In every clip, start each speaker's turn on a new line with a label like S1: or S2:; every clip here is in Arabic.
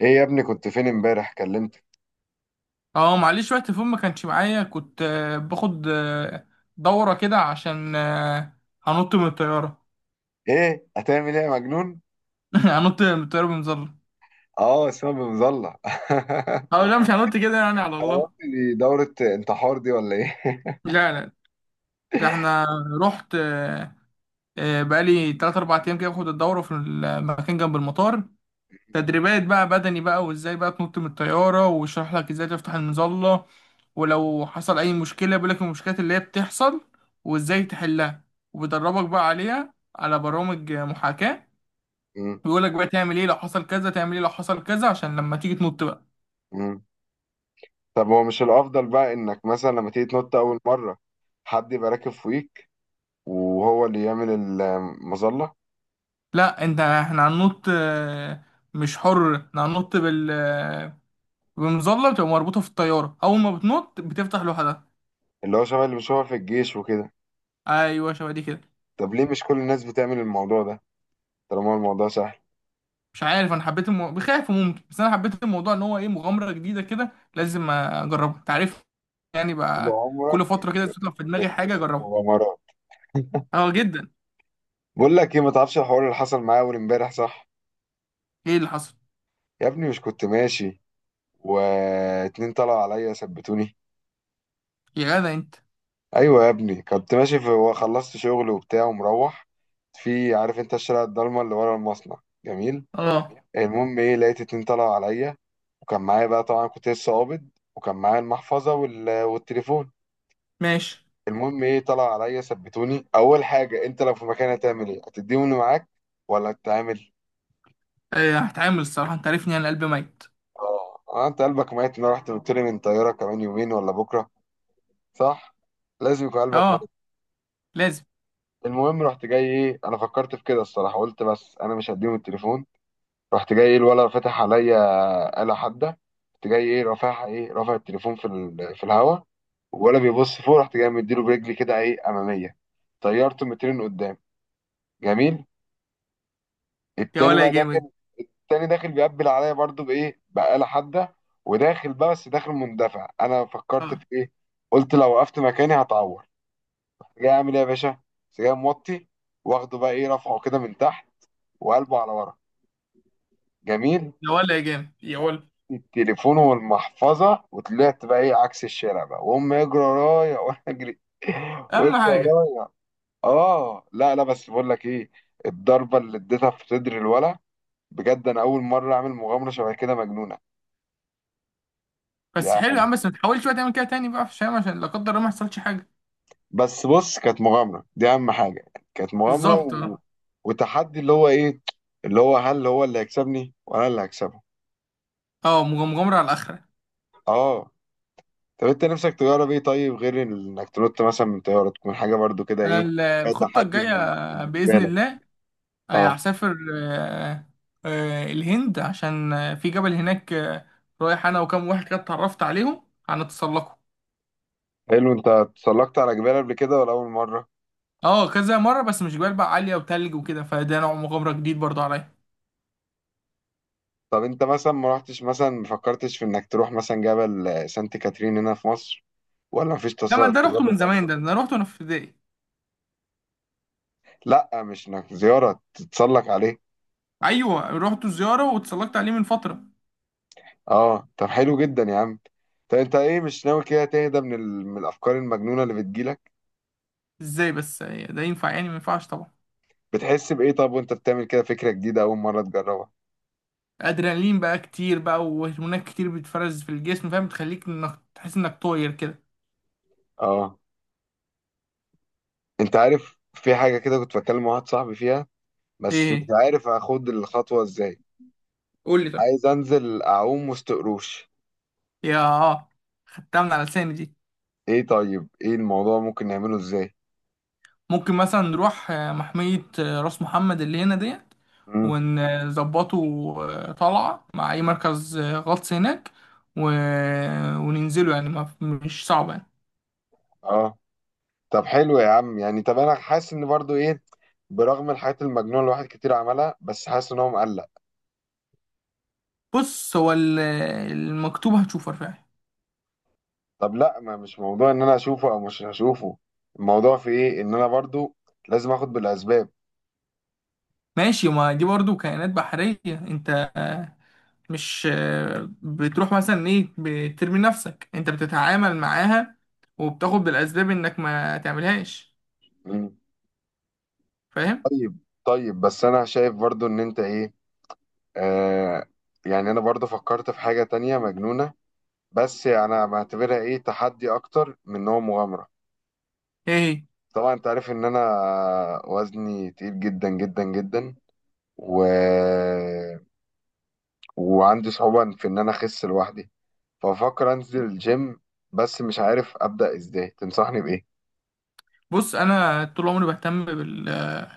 S1: ايه يا ابني كنت فين امبارح كلمتك؟
S2: اه معلش وقت فوق ما كانش معايا كنت باخد دورة كده عشان هنط من الطيارة.
S1: ايه هتعمل ايه يا مجنون؟
S2: هنط من الطيارة بمظلة.
S1: اه اسمها بمظلة
S2: اه لا، مش هنط كده يعني، على
S1: انا
S2: الله.
S1: قلت دي دورة انتحار دي ولا ايه؟
S2: لا، ده احنا رحت بقالي تلات أربع أيام كده باخد الدورة في المكان جنب المطار. تدريبات بقى بدني بقى، وازاي بقى تنط من الطيارة، ويشرح لك ازاي تفتح المظلة، ولو حصل أي مشكلة بيقول لك المشكلات اللي هي بتحصل وازاي تحلها. وبيدربك بقى عليها على برامج محاكاة.
S1: مم.
S2: بيقول لك بقى تعمل ايه لو حصل كذا، تعمل ايه لو حصل كذا، عشان لما تيجي تنط بقى.
S1: مم. طب هو مش الافضل بقى انك مثلا لما تيجي تنط اول مرة حد يبقى راكب فوقيك وهو اللي يعمل المظلة؟
S2: لا، انت احنا هننط مش حر، احنا هننط بال بمظلة بتبقى مربوطة في الطيارة، اول ما بتنط بتفتح لوحدها.
S1: اللي هو شبه اللي بنشوفها في الجيش وكده.
S2: ايوه، شبه دي كده.
S1: طب ليه مش كل الناس بتعمل الموضوع ده طالما الموضوع سهل؟
S2: مش عارف، انا حبيت بخاف ممكن، بس انا حبيت الموضوع ان هو ايه، مغامرة جديدة كده لازم اجربها، تعرف. يعني
S1: طول
S2: بقى
S1: عمرك
S2: كل فترة كده
S1: بت-
S2: تطلع في دماغي
S1: بتنط
S2: حاجة
S1: في
S2: اجربها.
S1: مغامرات
S2: اه جدا.
S1: بقول لك ايه، ما تعرفش الحوار اللي حصل معايا اول امبارح؟ صح،
S2: ايه اللي حصل؟
S1: يا ابني مش كنت ماشي واتنين طلعوا عليا ثبتوني.
S2: يا جدع انت.
S1: ايوه يا ابني، كنت ماشي في وخلصت شغل وبتاع ومروح، في عارف انت الشارع الضلمه اللي ورا المصنع. جميل.
S2: اه،
S1: المهم ايه، لقيت اتنين طلعوا عليا، وكان معايا بقى طبعا كنت لسه قابض، وكان معايا المحفظه والتليفون.
S2: ماشي.
S1: المهم ايه، طلعوا عليا ثبتوني اول حاجه، انت لو في مكاني هتعمل ايه؟ هتديهم اللي معاك ولا هتتعامل؟
S2: هتعامل، الصراحة انت عارفني انا قلبي ميت.
S1: اه، انت قلبك ميت؟ ان انا رحت قلت لي من طياره كمان يومين ولا بكره، صح لازم يكون قلبك
S2: اه
S1: ميت.
S2: لازم.
S1: المهم رحت جاي ايه، انا فكرت في كده الصراحه، قلت بس انا مش هديهم التليفون. رحت جاي ايه، الولا فاتح عليا آلة حادة. رحت جاي ايه رافعها، ايه، رافع التليفون في في الهوا، ولا بيبص فوق، رحت جاي مديله برجلي كده ايه، اماميه، طيرته مترين قدام. جميل.
S2: يا
S1: التاني
S2: ولا يا
S1: بقى
S2: جامد.
S1: داخل، التاني داخل بيقبل عليا برضو بايه، بآلة حادة. وداخل بقى، بس داخل مندفع، انا فكرت
S2: اه
S1: في ايه، قلت لو وقفت مكاني هتعور. جاي اعمل ايه يا باشا، بس جاي موطي، واخده بقى ايه، رافعه كده من تحت وقلبه على ورا. جميل.
S2: يا ولا يا جامد يا ولا.
S1: التليفون والمحفظه، وطلعت بقى ايه، عكس الشارع بقى، وهم يجروا ورايا وانا اجري. ويجروا
S2: اهم حاجه.
S1: ورايا. اه لا لا، بس بقول لك ايه، الضربه اللي اديتها في صدر الولا، بجد انا اول مره اعمل مغامره شبه كده مجنونه.
S2: بس حلو يا عم،
S1: يعني
S2: بس ما تحاولش بقى تعمل كده تاني بقى في الشام، عشان لا قدر الله ما يحصلش حاجه.
S1: بس بص، كانت مغامره دي اهم حاجه. كانت مغامره
S2: بالظبط اه.
S1: وتحدي، اللي هو ايه، اللي هو هل هو اللي هيكسبني ولا أنا اللي هكسبه.
S2: اه مغامره على الاخره.
S1: اه. طب انت نفسك تجرب ايه طيب غير انك تنط مثلا من طياره؟ تكون حاجه برضو كده
S2: انا
S1: ايه، فيها
S2: الخطه
S1: تحدي
S2: الجايه
S1: بالنسبه
S2: باذن
S1: لك.
S2: الله
S1: اه
S2: هسافر الهند، عشان في جبل هناك رايح انا وكام واحد كده اتعرفت عليهم، هنتسلقوا.
S1: حلو. انت اتسلقت على جبال قبل كده ولا اول مره؟
S2: اه كذا مره، بس مش جبال بقى عاليه وتلج وكده، فده نوع مغامره جديد برضه عليا.
S1: طب انت مثلا ما رحتش، مثلا ما فكرتش في انك تروح مثلا جبل سانت كاترين هنا في مصر؟ ولا مفيش
S2: لا، ما ده روحته
S1: تسلق
S2: من زمان،
S1: عليه؟
S2: ده ده انا روحته وانا في ابتدائي.
S1: لا، مش انك زياره، تتسلق عليه.
S2: ايوه رحت زياره واتسلقت عليه من فتره.
S1: اه طب حلو جدا يا عم. طب انت ايه، مش ناوي كده تهدى من، من الافكار المجنونه اللي بتجيلك؟
S2: ازاي بس ده ينفع يعني؟ ما ينفعش طبعا.
S1: بتحس بايه طب وانت بتعمل كده فكره جديده اول مره تجربها؟
S2: ادرينالين بقى كتير بقى، وهرمونات كتير بتفرز في الجسم، فاهم، تخليك انك تحس انك طاير كده.
S1: اه. انت عارف في حاجة كده كنت بتكلم مع واحد صاحبي فيها، بس مش
S2: ايه؟
S1: عارف اخد الخطوة ازاي.
S2: قول لي طيب.
S1: عايز انزل اعوم وسط قروش.
S2: يا اه، خدتها من على لساني دي.
S1: ايه طيب، ايه الموضوع ممكن نعمله ازاي؟
S2: ممكن مثلا نروح محمية راس محمد اللي هنا ديت
S1: امم.
S2: ونظبطه طلعة مع أي مركز غطس هناك و... وننزله، يعني ما... مش صعب يعني.
S1: اه طب حلو يا عم. يعني طب انا حاسس ان برضو ايه، برغم الحاجات المجنونة اللي الواحد كتير عملها، بس حاسس ان هو مقلق.
S2: بص، هو المكتوب هتشوفه رفاعي.
S1: طب لا، ما مش موضوع ان انا اشوفه او مش هشوفه، الموضوع في ايه ان انا برضو لازم اخد بالاسباب.
S2: ماشي، ما دي برضو كائنات بحرية، انت مش بتروح مثلا ايه، بترمي نفسك، انت بتتعامل معاها وبتاخد بالاسباب انك ما تعملهاش،
S1: امم.
S2: فاهم.
S1: طيب. طيب بس انا شايف برضو ان انت ايه، آه، يعني انا برضه فكرت في حاجة تانية مجنونة، بس انا بعتبرها ايه، تحدي اكتر من ان هو مغامرة.
S2: ايه هي؟
S1: طبعا انت عارف ان انا وزني تقيل جدا جدا جدا، و... وعندي صعوبة في ان انا اخس لوحدي. ففكر انزل الجيم، بس مش عارف ابدأ ازاي، تنصحني بايه؟
S2: بص، انا طول عمري بهتم بال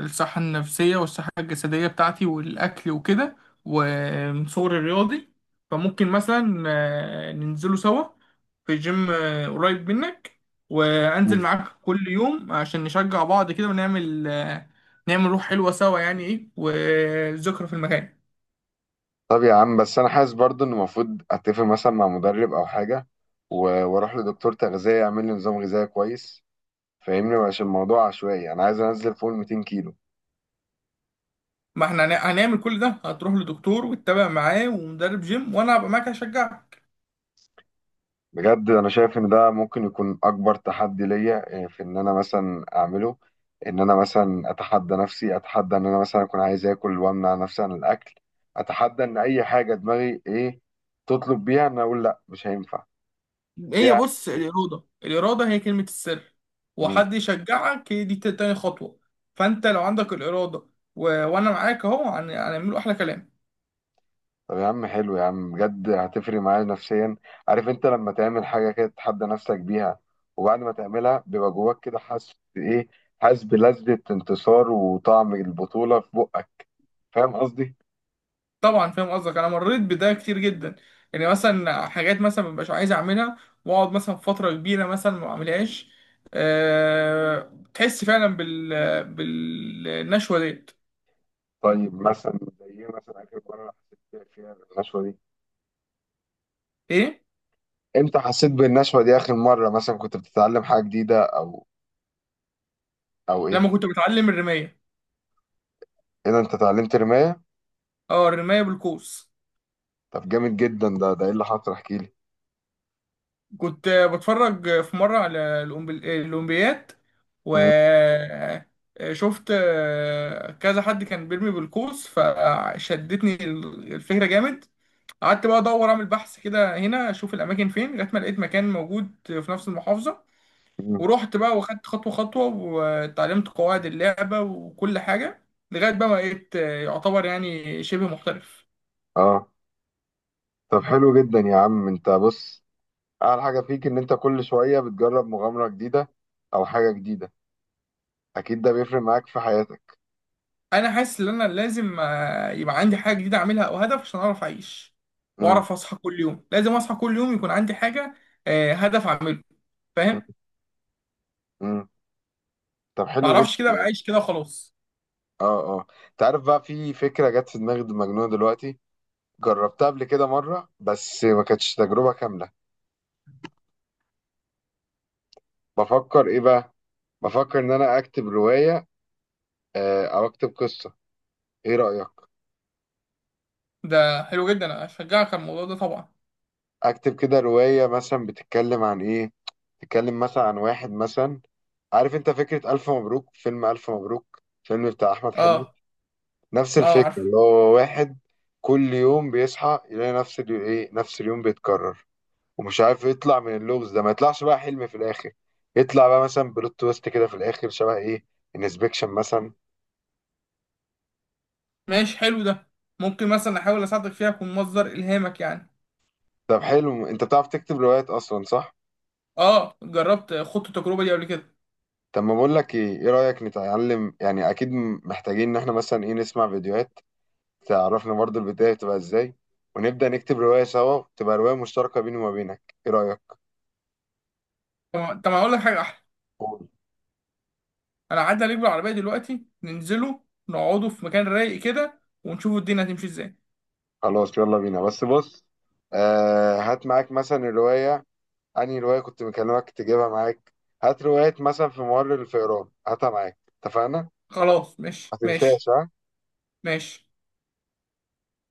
S2: الصحه النفسيه والصحه الجسديه بتاعتي والاكل وكده، ومن صغري رياضي. فممكن مثلا ننزلوا سوا في جيم قريب منك، وانزل
S1: مم.
S2: معاك كل يوم عشان نشجع بعض كده، ونعمل نعمل روح حلوه سوا، يعني ايه وذكرى في المكان.
S1: طب يا عم بس انا حاسس برضه ان المفروض اتفق مثلا مع مدرب او حاجة، و... واروح لدكتور تغذية يعمل لي نظام غذائي كويس. فاهمني، مش الموضوع عشوائي، انا عايز انزل فوق ال 200 كيلو.
S2: ما احنا هنعمل كل ده، هتروح لدكتور وتتابع معاه ومدرب جيم، وانا هبقى معاك اشجعك.
S1: بجد انا شايف ان ده ممكن يكون اكبر تحدي ليا، في ان انا مثلا اعمله، ان انا مثلا اتحدى نفسي، اتحدى ان انا مثلا اكون عايز اكل وامنع نفسي عن الاكل، اتحدى ان اي حاجه دماغي ايه تطلب بيها ان أنا اقول لا مش هينفع دي.
S2: هي بص، الإرادة، الإرادة هي كلمة السر، وحد يشجعك هي دي تاني خطوة. فأنت لو عندك الإرادة وأنا معاك أهو، هنعمله أحلى كلام.
S1: طب يا عم حلو يا عم، بجد هتفرق معايا نفسيا. عارف انت لما تعمل حاجه كده تتحدى نفسك بيها، وبعد ما تعملها بيبقى جواك كده حاسس ايه، حاسس بلذة انتصار وطعم البطوله في بقك، فاهم قصدي؟
S2: طبعا فاهم قصدك، أنا مريت بده كتير جدا. يعني مثلا حاجات مثلا مبقاش عايز أعملها، وأقعد مثلا فترة كبيرة مثلا ما أعملهاش، تحس فعلا بالنشوة ديت.
S1: طيب مثلا زي ايه، مثلا اخر مره حسيت فيها بالنشوه دي؟
S2: إيه؟
S1: امتى حسيت بالنشوه دي اخر مره؟ مثلا كنت بتتعلم حاجه جديده او او ايه؟
S2: لما كنت بتعلم الرماية.
S1: اذا انت اتعلمت رمايه؟
S2: أه، الرماية بالقوس.
S1: طب جامد جدا ده، ده ايه اللي حصل، احكي لي.
S2: كنت بتفرج في مرة على الأولمبياد، و
S1: م-
S2: شفت كذا حد كان بيرمي بالقوس، فشدتني الفكرة، جامد. قعدت بقى أدور أعمل بحث كده هنا، أشوف الأماكن فين، لغاية ما لقيت مكان موجود في نفس المحافظة.
S1: م-
S2: ورحت بقى واخدت خطوة خطوة، واتعلمت قواعد اللعبة وكل حاجة، لغاية بقى ما بقيت يعتبر يعني شبه محترف.
S1: اه طب حلو جدا يا عم. انت بص، اعلى حاجه فيك ان انت كل شويه بتجرب مغامره جديده او حاجه جديده، اكيد ده بيفرق معاك في حياتك.
S2: انا حاسس ان انا لازم يبقى عندي حاجه جديده اعملها، او هدف، عشان اعرف اعيش
S1: امم
S2: واعرف اصحى كل يوم. لازم اصحى كل يوم يكون عندي حاجه هدف اعمله،
S1: امم
S2: فاهم.
S1: إمم. طب
S2: ما
S1: حلو جدا
S2: اعرفش، كده
S1: يعني.
S2: بعيش كده خلاص.
S1: اه اه، انت عارف بقى في فكره جت في دماغي مجنونه دلوقتي، جربتها قبل كده مره بس ما كانتش تجربه كامله. بفكر ايه بقى، بفكر ان انا اكتب روايه، او اكتب قصه، ايه رايك؟
S2: ده حلو جدا، انا اشجعك على الموضوع ده طبعا.
S1: اكتب كده روايه مثلا بتتكلم عن ايه، تتكلم مثلا عن واحد مثلا. عارف انت فكره الف مبروك، فيلم الف مبروك فيلم بتاع احمد حلمي؟
S2: اه.
S1: نفس
S2: اه
S1: الفكرة،
S2: عارفه.
S1: اللي هو واحد كل يوم بيصحى يلاقي نفس ايه، نفس اليوم بيتكرر، ومش عارف يطلع من اللغز ده، ما يطلعش بقى حلم في الآخر، يطلع بقى مثلا بلوت تويست كده في الآخر شبه ايه، انسبكشن مثلا.
S2: ماشي حلو ده، ممكن مثلا احاول اساعدك فيها، اكون مصدر الهامك يعني.
S1: طب حلو. انت بتعرف تكتب روايات اصلا صح؟
S2: اه جربت، خدت التجربه دي قبل كده.
S1: طب ما بقول لك ايه، ايه رأيك نتعلم؟ يعني اكيد محتاجين ان احنا مثلا ايه، نسمع فيديوهات تعرفنا برضو البداية بتبقى ازاي، ونبدأ نكتب رواية سوا، تبقى رواية مشتركة بيني وما بينك، ايه رأيك؟
S2: طب طب هقول لك حاجه احلى، انا عدى عليك بالعربيه دلوقتي، ننزله نقعدوا في مكان رايق كده، ونشوفوا الدنيا هتمشي ازاي.
S1: خلاص يلا بينا، بس بص آه، هات معاك مثلا الرواية. أنهي رواية كنت مكلمك تجيبها معاك؟ هات رواية مثلا في ممر الفئران، هاتها معاك، اتفقنا؟
S2: خلاص ماشي
S1: ما
S2: ماشي
S1: تنساش ها.
S2: ماشي.